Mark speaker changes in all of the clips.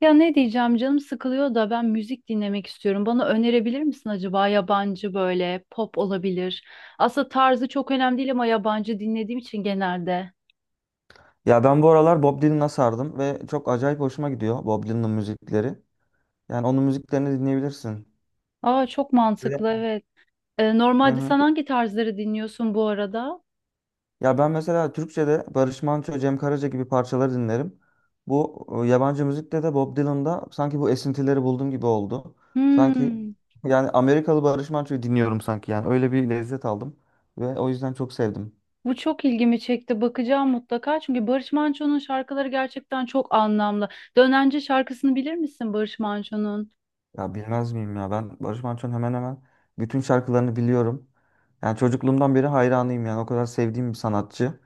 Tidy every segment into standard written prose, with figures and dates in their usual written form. Speaker 1: Ya ne diyeceğim, canım sıkılıyor da ben müzik dinlemek istiyorum. Bana önerebilir misin acaba, yabancı böyle pop olabilir. Aslında tarzı çok önemli değil ama yabancı dinlediğim için genelde.
Speaker 2: Ya ben bu aralar Bob Dylan'a sardım ve çok acayip hoşuma gidiyor Bob Dylan'ın müzikleri. Yani onun müziklerini dinleyebilirsin.
Speaker 1: Aa, çok
Speaker 2: Böyle.
Speaker 1: mantıklı, evet.
Speaker 2: Hı
Speaker 1: Normalde
Speaker 2: hı.
Speaker 1: sen hangi tarzları dinliyorsun bu arada?
Speaker 2: Ya ben mesela Türkçe'de Barış Manço, Cem Karaca gibi parçaları dinlerim. Bu yabancı müzikte de Bob Dylan'da sanki bu esintileri buldum gibi oldu. Sanki
Speaker 1: Hmm,
Speaker 2: yani Amerikalı Barış Manço'yu dinliyorum sanki yani öyle bir lezzet aldım ve o yüzden çok sevdim.
Speaker 1: Bu çok ilgimi çekti. Bakacağım mutlaka. Çünkü Barış Manço'nun şarkıları gerçekten çok anlamlı. Dönence şarkısını bilir misin Barış Manço'nun?
Speaker 2: Ya bilmez miyim ya ben Barış Manço'nun hemen hemen bütün şarkılarını biliyorum. Yani çocukluğumdan beri hayranıyım yani o kadar sevdiğim bir sanatçı.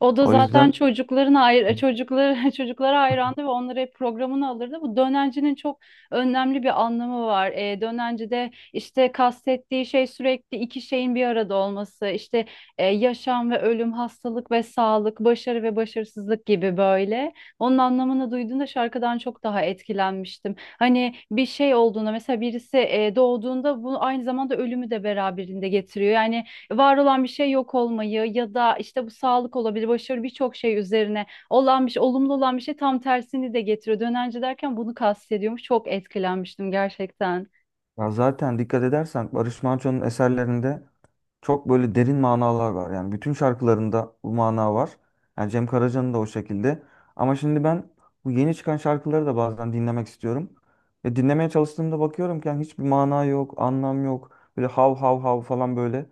Speaker 1: O da
Speaker 2: O
Speaker 1: zaten
Speaker 2: yüzden
Speaker 1: çocukların ayr çocukları çocuklara hayrandı ve onları hep programını alırdı. Bu dönencinin çok önemli bir anlamı var. Dönencide işte kastettiği şey sürekli iki şeyin bir arada olması. İşte yaşam ve ölüm, hastalık ve sağlık, başarı ve başarısızlık gibi böyle. Onun anlamını duyduğunda şarkıdan çok daha etkilenmiştim. Hani bir şey olduğunda mesela birisi doğduğunda bu aynı zamanda ölümü de beraberinde getiriyor. Yani var olan bir şey yok olmayı, ya da işte bu sağlık olabilir, başarı, birçok şey üzerine olan bir şey, olumlu olan bir şey tam tersini de getiriyor. Dönence derken bunu kastediyormuş. Çok etkilenmiştim gerçekten.
Speaker 2: ya zaten dikkat edersen Barış Manço'nun eserlerinde çok böyle derin manalar var. Yani bütün şarkılarında bu mana var. Yani Cem Karaca'nın da o şekilde. Ama şimdi ben bu yeni çıkan şarkıları da bazen dinlemek istiyorum. Ve dinlemeye çalıştığımda bakıyorum ki yani hiçbir mana yok, anlam yok. Böyle hav hav hav falan böyle.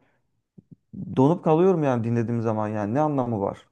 Speaker 2: Donup kalıyorum yani dinlediğim zaman yani ne anlamı var?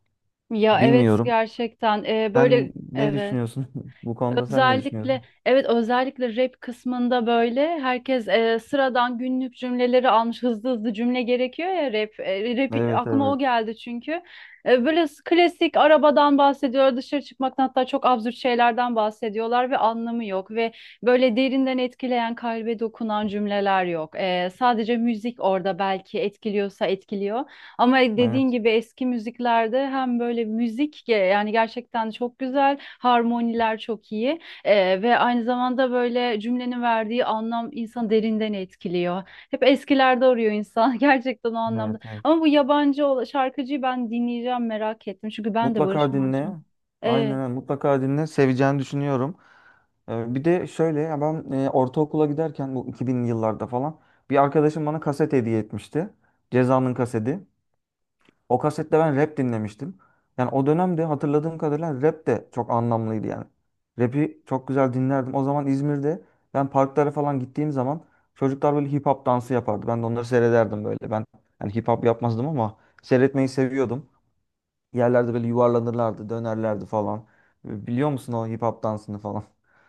Speaker 1: Ya evet,
Speaker 2: Bilmiyorum.
Speaker 1: gerçekten.
Speaker 2: Sen
Speaker 1: Böyle,
Speaker 2: ne
Speaker 1: evet.
Speaker 2: düşünüyorsun? Bu konuda sen ne düşünüyorsun?
Speaker 1: Özellikle, evet, özellikle rap kısmında böyle herkes sıradan günlük cümleleri almış, hızlı hızlı cümle gerekiyor ya rap. Rap
Speaker 2: Evet,
Speaker 1: aklıma o
Speaker 2: evet.
Speaker 1: geldi çünkü. Böyle klasik arabadan bahsediyor, dışarı çıkmaktan, hatta çok absürt şeylerden bahsediyorlar ve anlamı yok ve böyle derinden etkileyen, kalbe dokunan cümleler yok. Sadece müzik orada belki etkiliyorsa etkiliyor. Ama dediğin
Speaker 2: Evet,
Speaker 1: gibi eski müziklerde hem böyle müzik yani gerçekten çok güzel, harmoniler çok iyi, ve aynı zamanda böyle cümlenin verdiği anlam insanı derinden etkiliyor. Hep eskilerde arıyor insan gerçekten o
Speaker 2: evet,
Speaker 1: anlamda.
Speaker 2: evet.
Speaker 1: Ama bu yabancı şarkıcıyı ben dinleyeceğim, merak ettim çünkü ben de Barış
Speaker 2: Mutlaka dinle.
Speaker 1: Manço'yum.
Speaker 2: Aynen öyle. Mutlaka dinle. Seveceğini düşünüyorum. Bir de şöyle ya ben ortaokula giderken bu 2000'li yıllarda falan bir arkadaşım bana kaset hediye etmişti. Ceza'nın kaseti. O kasette ben rap dinlemiştim. Yani o dönemde hatırladığım kadarıyla rap de çok anlamlıydı yani. Rap'i çok güzel dinlerdim. O zaman İzmir'de ben parklara falan gittiğim zaman çocuklar böyle hip hop dansı yapardı. Ben de onları seyrederdim böyle. Ben yani hip hop yapmazdım ama seyretmeyi seviyordum, yerlerde böyle yuvarlanırlardı, dönerlerdi falan. Biliyor musun o hip hop dansını falan?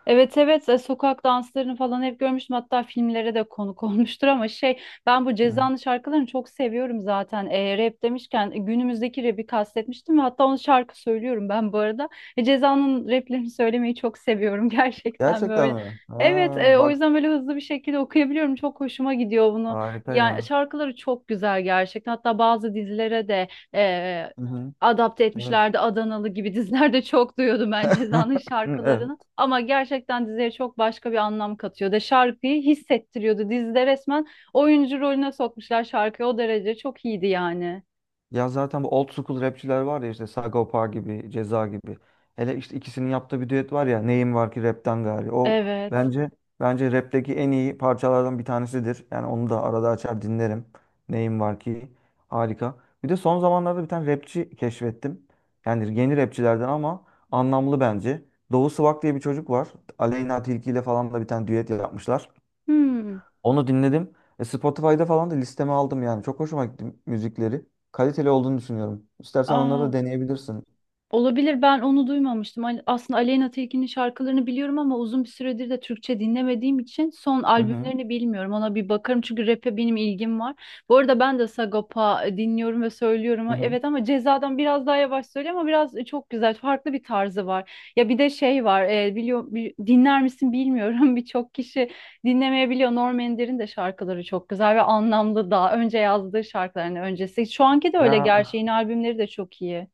Speaker 1: Evet, evet, sokak danslarını falan hep görmüştüm, hatta filmlere de konuk olmuştur ama şey, ben bu
Speaker 2: Hı hı.
Speaker 1: Ceza'nın şarkılarını çok seviyorum zaten. Rap demişken, günümüzdeki rap'i kastetmiştim ve hatta onu şarkı söylüyorum ben bu arada. Ceza'nın rap'lerini söylemeyi çok seviyorum gerçekten
Speaker 2: Gerçekten
Speaker 1: böyle,
Speaker 2: mi? Ha,
Speaker 1: evet, o
Speaker 2: bak
Speaker 1: yüzden böyle hızlı bir şekilde okuyabiliyorum, çok hoşuma gidiyor bunu,
Speaker 2: harika
Speaker 1: yani
Speaker 2: ya.
Speaker 1: şarkıları çok güzel gerçekten, hatta bazı dizilere de e,
Speaker 2: Hı hı.
Speaker 1: adapte
Speaker 2: Evet.
Speaker 1: etmişlerdi, Adanalı gibi dizilerde çok duyuyordum ben Ceza'nın şarkılarını.
Speaker 2: Evet.
Speaker 1: Ama gerçekten diziye çok başka bir anlam katıyordu. Şarkıyı hissettiriyordu. Dizide resmen oyuncu rolüne sokmuşlar şarkıyı. O derece çok iyiydi yani.
Speaker 2: Ya zaten bu old school rapçiler var ya işte Sagopa gibi, Ceza gibi. Hele işte ikisinin yaptığı bir düet var ya, Neyim var ki rapten gari. O
Speaker 1: Evet.
Speaker 2: bence bence rapteki en iyi parçalardan bir tanesidir. Yani onu da arada açar dinlerim. Neyim var ki, harika. Bir de son zamanlarda bir tane rapçi keşfettim. Yani yeni rapçilerden ama anlamlı bence. Doğu Swag diye bir çocuk var. Aleyna Tilki ile falan da bir tane düet yapmışlar.
Speaker 1: Hmm.
Speaker 2: Onu dinledim. Spotify'da falan da listeme aldım yani. Çok hoşuma gitti müzikleri. Kaliteli olduğunu düşünüyorum. İstersen onları
Speaker 1: Aa.
Speaker 2: da deneyebilirsin.
Speaker 1: Olabilir, ben onu duymamıştım. Aslında Aleyna Tilki'nin şarkılarını biliyorum ama uzun bir süredir de Türkçe dinlemediğim için son
Speaker 2: Hı hı.
Speaker 1: albümlerini bilmiyorum. Ona bir bakarım çünkü rap'e benim ilgim var. Bu arada ben de Sagopa dinliyorum ve söylüyorum.
Speaker 2: Hı hı.
Speaker 1: Evet ama Ceza'dan biraz daha yavaş söylüyor ama biraz çok güzel, farklı bir tarzı var. Ya bir de şey var, biliyor dinler misin bilmiyorum birçok kişi dinlemeyebiliyor. Norm Ender'in de şarkıları çok güzel ve anlamlı, daha önce yazdığı şarkıların öncesi. Şu anki de öyle,
Speaker 2: Ya
Speaker 1: gerçi yeni albümleri de çok iyi.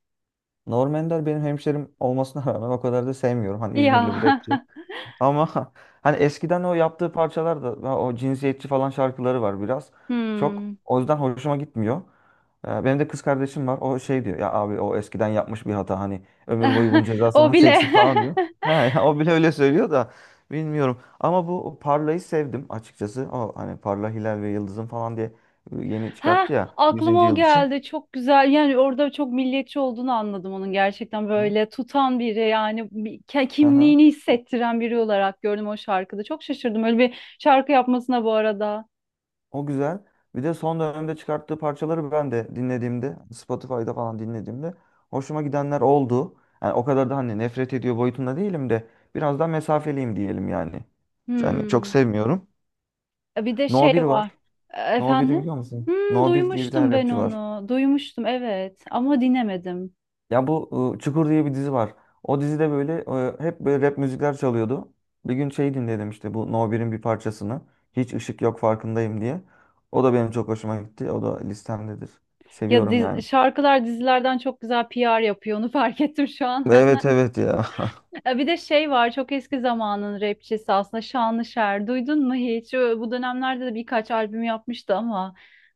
Speaker 2: Norm Ender benim hemşerim olmasına rağmen o kadar da sevmiyorum. Hani
Speaker 1: Ya
Speaker 2: İzmirli bir rapçi. Ama hani eskiden o yaptığı parçalar da daha o cinsiyetçi falan şarkıları var biraz. Çok
Speaker 1: Hmm.
Speaker 2: o yüzden hoşuma gitmiyor. Benim de kız kardeşim var. O şey diyor ya, abi o eskiden yapmış bir hata hani ömür boyu bunun cezasını
Speaker 1: O
Speaker 2: mı
Speaker 1: bile.
Speaker 2: çeksin falan diyor. Ha, ya o bile öyle söylüyor da bilmiyorum. Ama bu Parla'yı sevdim açıkçası. O hani Parla, Hilal ve Yıldız'ın falan diye yeni çıkarttı
Speaker 1: Ha,
Speaker 2: ya
Speaker 1: aklıma
Speaker 2: yüzüncü
Speaker 1: o
Speaker 2: yıl için.
Speaker 1: geldi. Çok güzel. Yani orada çok milliyetçi olduğunu anladım onun, gerçekten böyle tutan biri, yani
Speaker 2: Hı?
Speaker 1: kimliğini hissettiren biri olarak gördüm o şarkıda. Çok şaşırdım öyle bir şarkı yapmasına bu arada.
Speaker 2: O güzel. Bir de son dönemde çıkarttığı parçaları ben de dinlediğimde, Spotify'da falan dinlediğimde hoşuma gidenler oldu. Yani o kadar da hani nefret ediyor boyutunda değilim de biraz daha mesafeliyim diyelim yani. Yani çok
Speaker 1: Hmm.
Speaker 2: sevmiyorum.
Speaker 1: Bir de
Speaker 2: No
Speaker 1: şey
Speaker 2: 1
Speaker 1: var.
Speaker 2: var. No 1'i
Speaker 1: Efendim?
Speaker 2: biliyor musun?
Speaker 1: Hmm,
Speaker 2: No 1 diye bir tane
Speaker 1: duymuştum ben
Speaker 2: rapçi var.
Speaker 1: onu. Duymuştum evet, ama dinlemedim.
Speaker 2: Ya bu Çukur diye bir dizi var. O dizide böyle hep böyle rap müzikler çalıyordu. Bir gün şey dinledim, işte bu No 1'in bir parçasını. Hiç ışık yok farkındayım diye. O da benim çok hoşuma gitti. O da listemdedir.
Speaker 1: Ya
Speaker 2: Seviyorum yani.
Speaker 1: şarkılar dizilerden çok güzel PR yapıyor onu fark ettim şu an.
Speaker 2: Evet evet ya.
Speaker 1: Bir de şey var, çok eski zamanın rapçisi aslında Şanlışer. Duydun mu hiç? Bu dönemlerde de birkaç albüm yapmıştı ama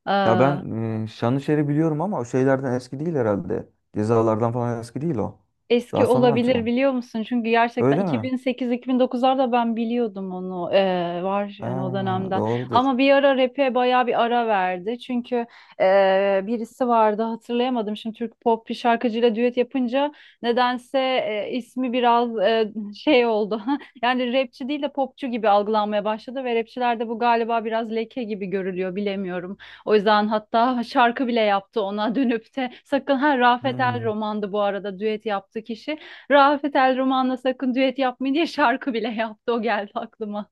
Speaker 1: e,
Speaker 2: Ya ben Şanlışer'i biliyorum ama o şeylerden eski değil herhalde. Cezalardan falan eski değil o.
Speaker 1: eski
Speaker 2: Daha sonradan
Speaker 1: olabilir,
Speaker 2: çıkan.
Speaker 1: biliyor musun? Çünkü gerçekten
Speaker 2: Öyle mi?
Speaker 1: 2008-2009'larda ben biliyordum onu, var
Speaker 2: Ha,
Speaker 1: yani o dönemden.
Speaker 2: doğrudur.
Speaker 1: Ama bir ara rap'e bayağı bir ara verdi. Çünkü birisi vardı, hatırlayamadım. Şimdi Türk pop bir şarkıcıyla düet yapınca nedense ismi biraz şey oldu. Yani rapçi değil de popçu gibi algılanmaya başladı ve rapçilerde bu galiba biraz leke gibi görülüyor, bilemiyorum. O yüzden hatta şarkı bile yaptı ona dönüp de sakın ha, Rafet El
Speaker 2: Hmm.
Speaker 1: Roman'dı bu arada düet yaptı kişi. Rafet El Roman'la sakın düet yapmayın diye şarkı bile yaptı, o geldi aklıma.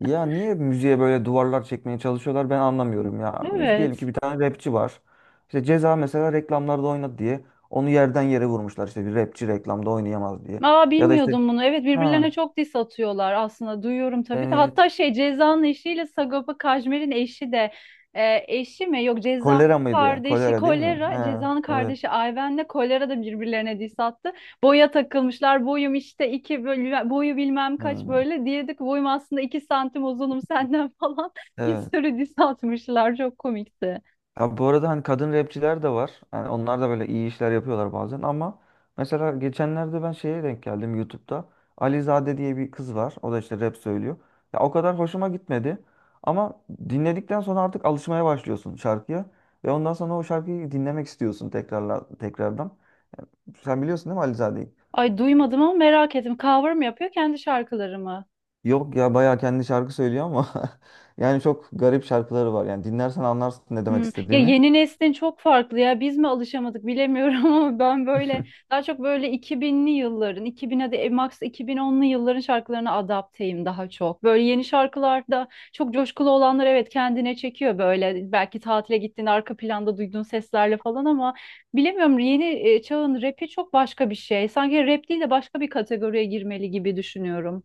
Speaker 2: Ya niye müziğe böyle duvarlar çekmeye çalışıyorlar ben anlamıyorum ya. Biz diyelim
Speaker 1: Evet.
Speaker 2: ki bir tane rapçi var. İşte Ceza mesela reklamlarda oynadı diye onu yerden yere vurmuşlar, işte bir rapçi reklamda oynayamaz diye.
Speaker 1: Aa,
Speaker 2: Ya da işte,
Speaker 1: bilmiyordum bunu. Evet, birbirlerine
Speaker 2: ha
Speaker 1: çok diss atıyorlar aslında, duyuyorum tabii de.
Speaker 2: evet,
Speaker 1: Hatta şey Ceza'nın eşiyle Sagopa Kajmer'in eşi de eşi mi? Yok, Ceza'nın
Speaker 2: kolera mıydı?
Speaker 1: kardeşi
Speaker 2: Kolera değil mi?
Speaker 1: Kolera,
Speaker 2: Ha
Speaker 1: Ceza'nın
Speaker 2: evet.
Speaker 1: kardeşi Ayven'le Kolera da birbirlerine diss attı. Boya takılmışlar. Boyum işte iki, böyle boyu bilmem kaç
Speaker 2: Hmm.
Speaker 1: böyle. Diyedik boyum aslında 2 santim uzunum senden falan. Bir
Speaker 2: Evet.
Speaker 1: sürü diss atmışlar. Çok komikti.
Speaker 2: Abi bu arada hani kadın rapçiler de var, yani onlar da böyle iyi işler yapıyorlar bazen ama mesela geçenlerde ben şeye denk geldim, YouTube'da. Alizade diye bir kız var. O da işte rap söylüyor. Ya o kadar hoşuma gitmedi. Ama dinledikten sonra artık alışmaya başlıyorsun şarkıya. Ve ondan sonra o şarkıyı dinlemek istiyorsun tekrarla, tekrardan. Sen biliyorsun değil mi Alizade'yi?
Speaker 1: Ay, duymadım ama merak ettim. Cover mı yapıyor, kendi şarkıları mı?
Speaker 2: Yok ya bayağı kendi şarkı söylüyor ama yani çok garip şarkıları var. Yani dinlersen anlarsın ne
Speaker 1: Hmm.
Speaker 2: demek
Speaker 1: Ya
Speaker 2: istediğimi.
Speaker 1: yeni neslin çok farklı ya, biz mi alışamadık bilemiyorum ama ben böyle daha çok böyle 2000'li yılların 2000, hadi max 2010'lu yılların şarkılarına adapteyim daha çok. Böyle yeni şarkılarda çok coşkulu olanlar, evet, kendine çekiyor böyle, belki tatile gittiğinde arka planda duyduğun seslerle falan, ama bilemiyorum, yeni çağın rapi çok başka bir şey. Sanki rap değil de başka bir kategoriye girmeli gibi düşünüyorum.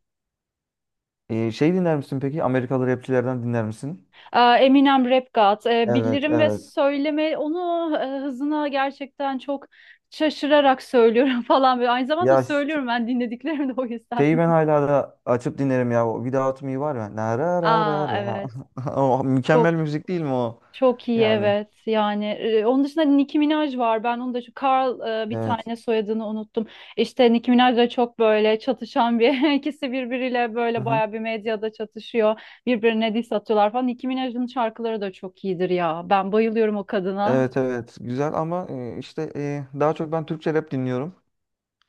Speaker 2: Şey dinler misin peki? Amerikalı rapçilerden dinler misin?
Speaker 1: Aa, Eminem Rap God.
Speaker 2: Evet,
Speaker 1: Bildirim ve
Speaker 2: evet.
Speaker 1: söyleme onu hızına gerçekten çok şaşırarak söylüyorum falan böyle. Aynı zamanda
Speaker 2: Ya ş-
Speaker 1: söylüyorum ben dinlediklerimi de, o yüzden.
Speaker 2: Şeyi ben hala da açıp dinlerim ya. O Without Me var ya. Na ra ra ra
Speaker 1: Aa
Speaker 2: ra.
Speaker 1: evet.
Speaker 2: O mükemmel
Speaker 1: Çok
Speaker 2: müzik değil mi o?
Speaker 1: çok iyi
Speaker 2: Yani
Speaker 1: evet. Yani onun dışında Nicki Minaj var. Ben onu da şu Carl, bir
Speaker 2: evet.
Speaker 1: tane soyadını unuttum. İşte Nicki Minaj da çok böyle çatışan bir ikisi birbiriyle
Speaker 2: Hı
Speaker 1: böyle
Speaker 2: hı.
Speaker 1: bayağı bir medyada çatışıyor. Birbirine diss atıyorlar falan. Nicki Minaj'ın şarkıları da çok iyidir ya. Ben bayılıyorum o kadına.
Speaker 2: Evet evet güzel ama işte daha çok ben Türkçe rap dinliyorum.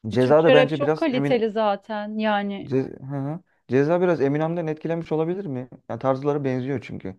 Speaker 2: Ceza da
Speaker 1: Türkçe rap
Speaker 2: bence
Speaker 1: çok
Speaker 2: biraz Emin
Speaker 1: kaliteli zaten yani.
Speaker 2: Ce- Hı hı. Ceza biraz Eminem'den etkilenmiş olabilir mi? Yani tarzları benziyor çünkü.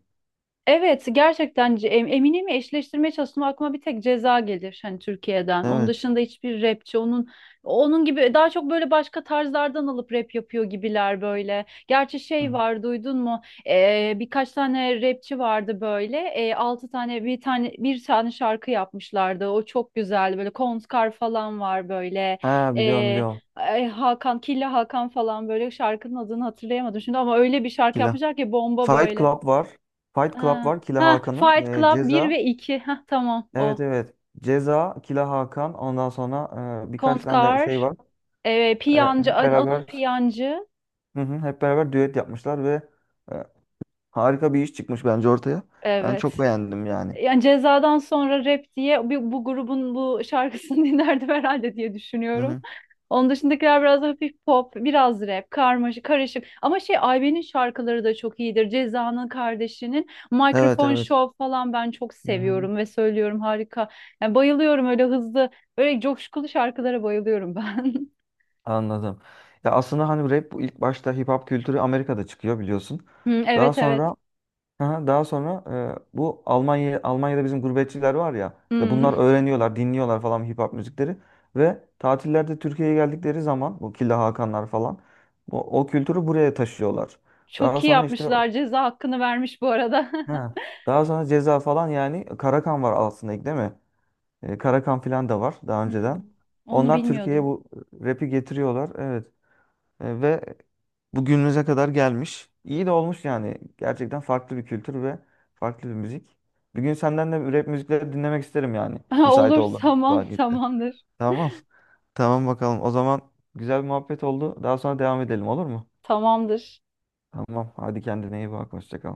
Speaker 1: Evet gerçekten, Emine'mi eşleştirmeye çalıştım, aklıma bir tek Ceza gelir hani Türkiye'den. Onun
Speaker 2: Evet.
Speaker 1: dışında hiçbir rapçi onun gibi, daha çok böyle başka tarzlardan alıp rap yapıyor gibiler böyle. Gerçi şey
Speaker 2: Hı.
Speaker 1: var, duydun mu? Birkaç tane rapçi vardı böyle. Altı tane bir tane şarkı yapmışlardı. O çok güzeldi böyle, Kontkar falan var böyle.
Speaker 2: Ha, biliyorum
Speaker 1: Ee,
Speaker 2: biliyorum.
Speaker 1: Ay, Hakan, Killa Hakan falan, böyle şarkının adını hatırlayamadım şimdi ama öyle bir şarkı
Speaker 2: Killa.
Speaker 1: yapmışlar ki bomba
Speaker 2: Fight
Speaker 1: böyle.
Speaker 2: Club var. Fight Club
Speaker 1: Ha,
Speaker 2: var, Killa
Speaker 1: ha,
Speaker 2: Hakan'ın.
Speaker 1: Fight
Speaker 2: E,
Speaker 1: Club bir ve
Speaker 2: Ceza.
Speaker 1: 2. Ha, tamam
Speaker 2: Evet
Speaker 1: o.
Speaker 2: evet. Ceza, Kila Hakan. Ondan sonra birkaç tane de şey
Speaker 1: Kontkar,
Speaker 2: var.
Speaker 1: Piyancı,
Speaker 2: Hep
Speaker 1: Anıl
Speaker 2: beraber,
Speaker 1: Piyancı.
Speaker 2: hı hı, hep beraber düet yapmışlar ve e, harika bir iş çıkmış bence ortaya. Ben
Speaker 1: Evet.
Speaker 2: çok beğendim yani.
Speaker 1: Yani Ceza'dan sonra rap diye bu grubun bu şarkısını dinlerdim herhalde diye
Speaker 2: Hı
Speaker 1: düşünüyorum.
Speaker 2: hı.
Speaker 1: Onun dışındakiler biraz hafif pop, biraz rap, karmaşık, karışık. Ama şey Ayben'in şarkıları da çok iyidir. Ceza'nın kardeşinin
Speaker 2: Evet
Speaker 1: Mikrofon
Speaker 2: evet.
Speaker 1: Show falan ben çok
Speaker 2: Hı hı.
Speaker 1: seviyorum ve söylüyorum, harika. Yani bayılıyorum öyle hızlı, böyle coşkulu şarkılara bayılıyorum ben.
Speaker 2: Anladım. Ya aslında hani rap bu ilk başta hip hop kültürü Amerika'da çıkıyor biliyorsun.
Speaker 1: Hı,
Speaker 2: Daha
Speaker 1: evet, evet.
Speaker 2: sonra, aha, daha sonra bu Almanya Almanya'da bizim gurbetçiler var ya, işte
Speaker 1: Hı.
Speaker 2: bunlar öğreniyorlar, dinliyorlar falan hip hop müzikleri ve tatillerde Türkiye'ye geldikleri zaman bu Killa Hakanlar falan o kültürü buraya taşıyorlar. Daha
Speaker 1: Çok iyi
Speaker 2: sonra işte,
Speaker 1: yapmışlar. Ceza hakkını vermiş bu arada.
Speaker 2: he, daha sonra Ceza falan, yani Karakan var aslında ilk değil mi? Karakan falan da var daha
Speaker 1: Hı.
Speaker 2: önceden.
Speaker 1: Onu
Speaker 2: Onlar Türkiye'ye
Speaker 1: bilmiyordum.
Speaker 2: bu rap'i getiriyorlar. Evet. Ve bugünümüze kadar gelmiş. İyi de olmuş yani. Gerçekten farklı bir kültür ve farklı bir müzik. Bir gün senden de rap müzikleri dinlemek isterim yani. Müsait
Speaker 1: Olur,
Speaker 2: olduğun
Speaker 1: tamam,
Speaker 2: vakitte.
Speaker 1: tamamdır.
Speaker 2: Tamam. Tamam bakalım. O zaman güzel bir muhabbet oldu. Daha sonra devam edelim olur mu?
Speaker 1: Tamamdır.
Speaker 2: Tamam. Hadi kendine iyi bak. Hoşça kal.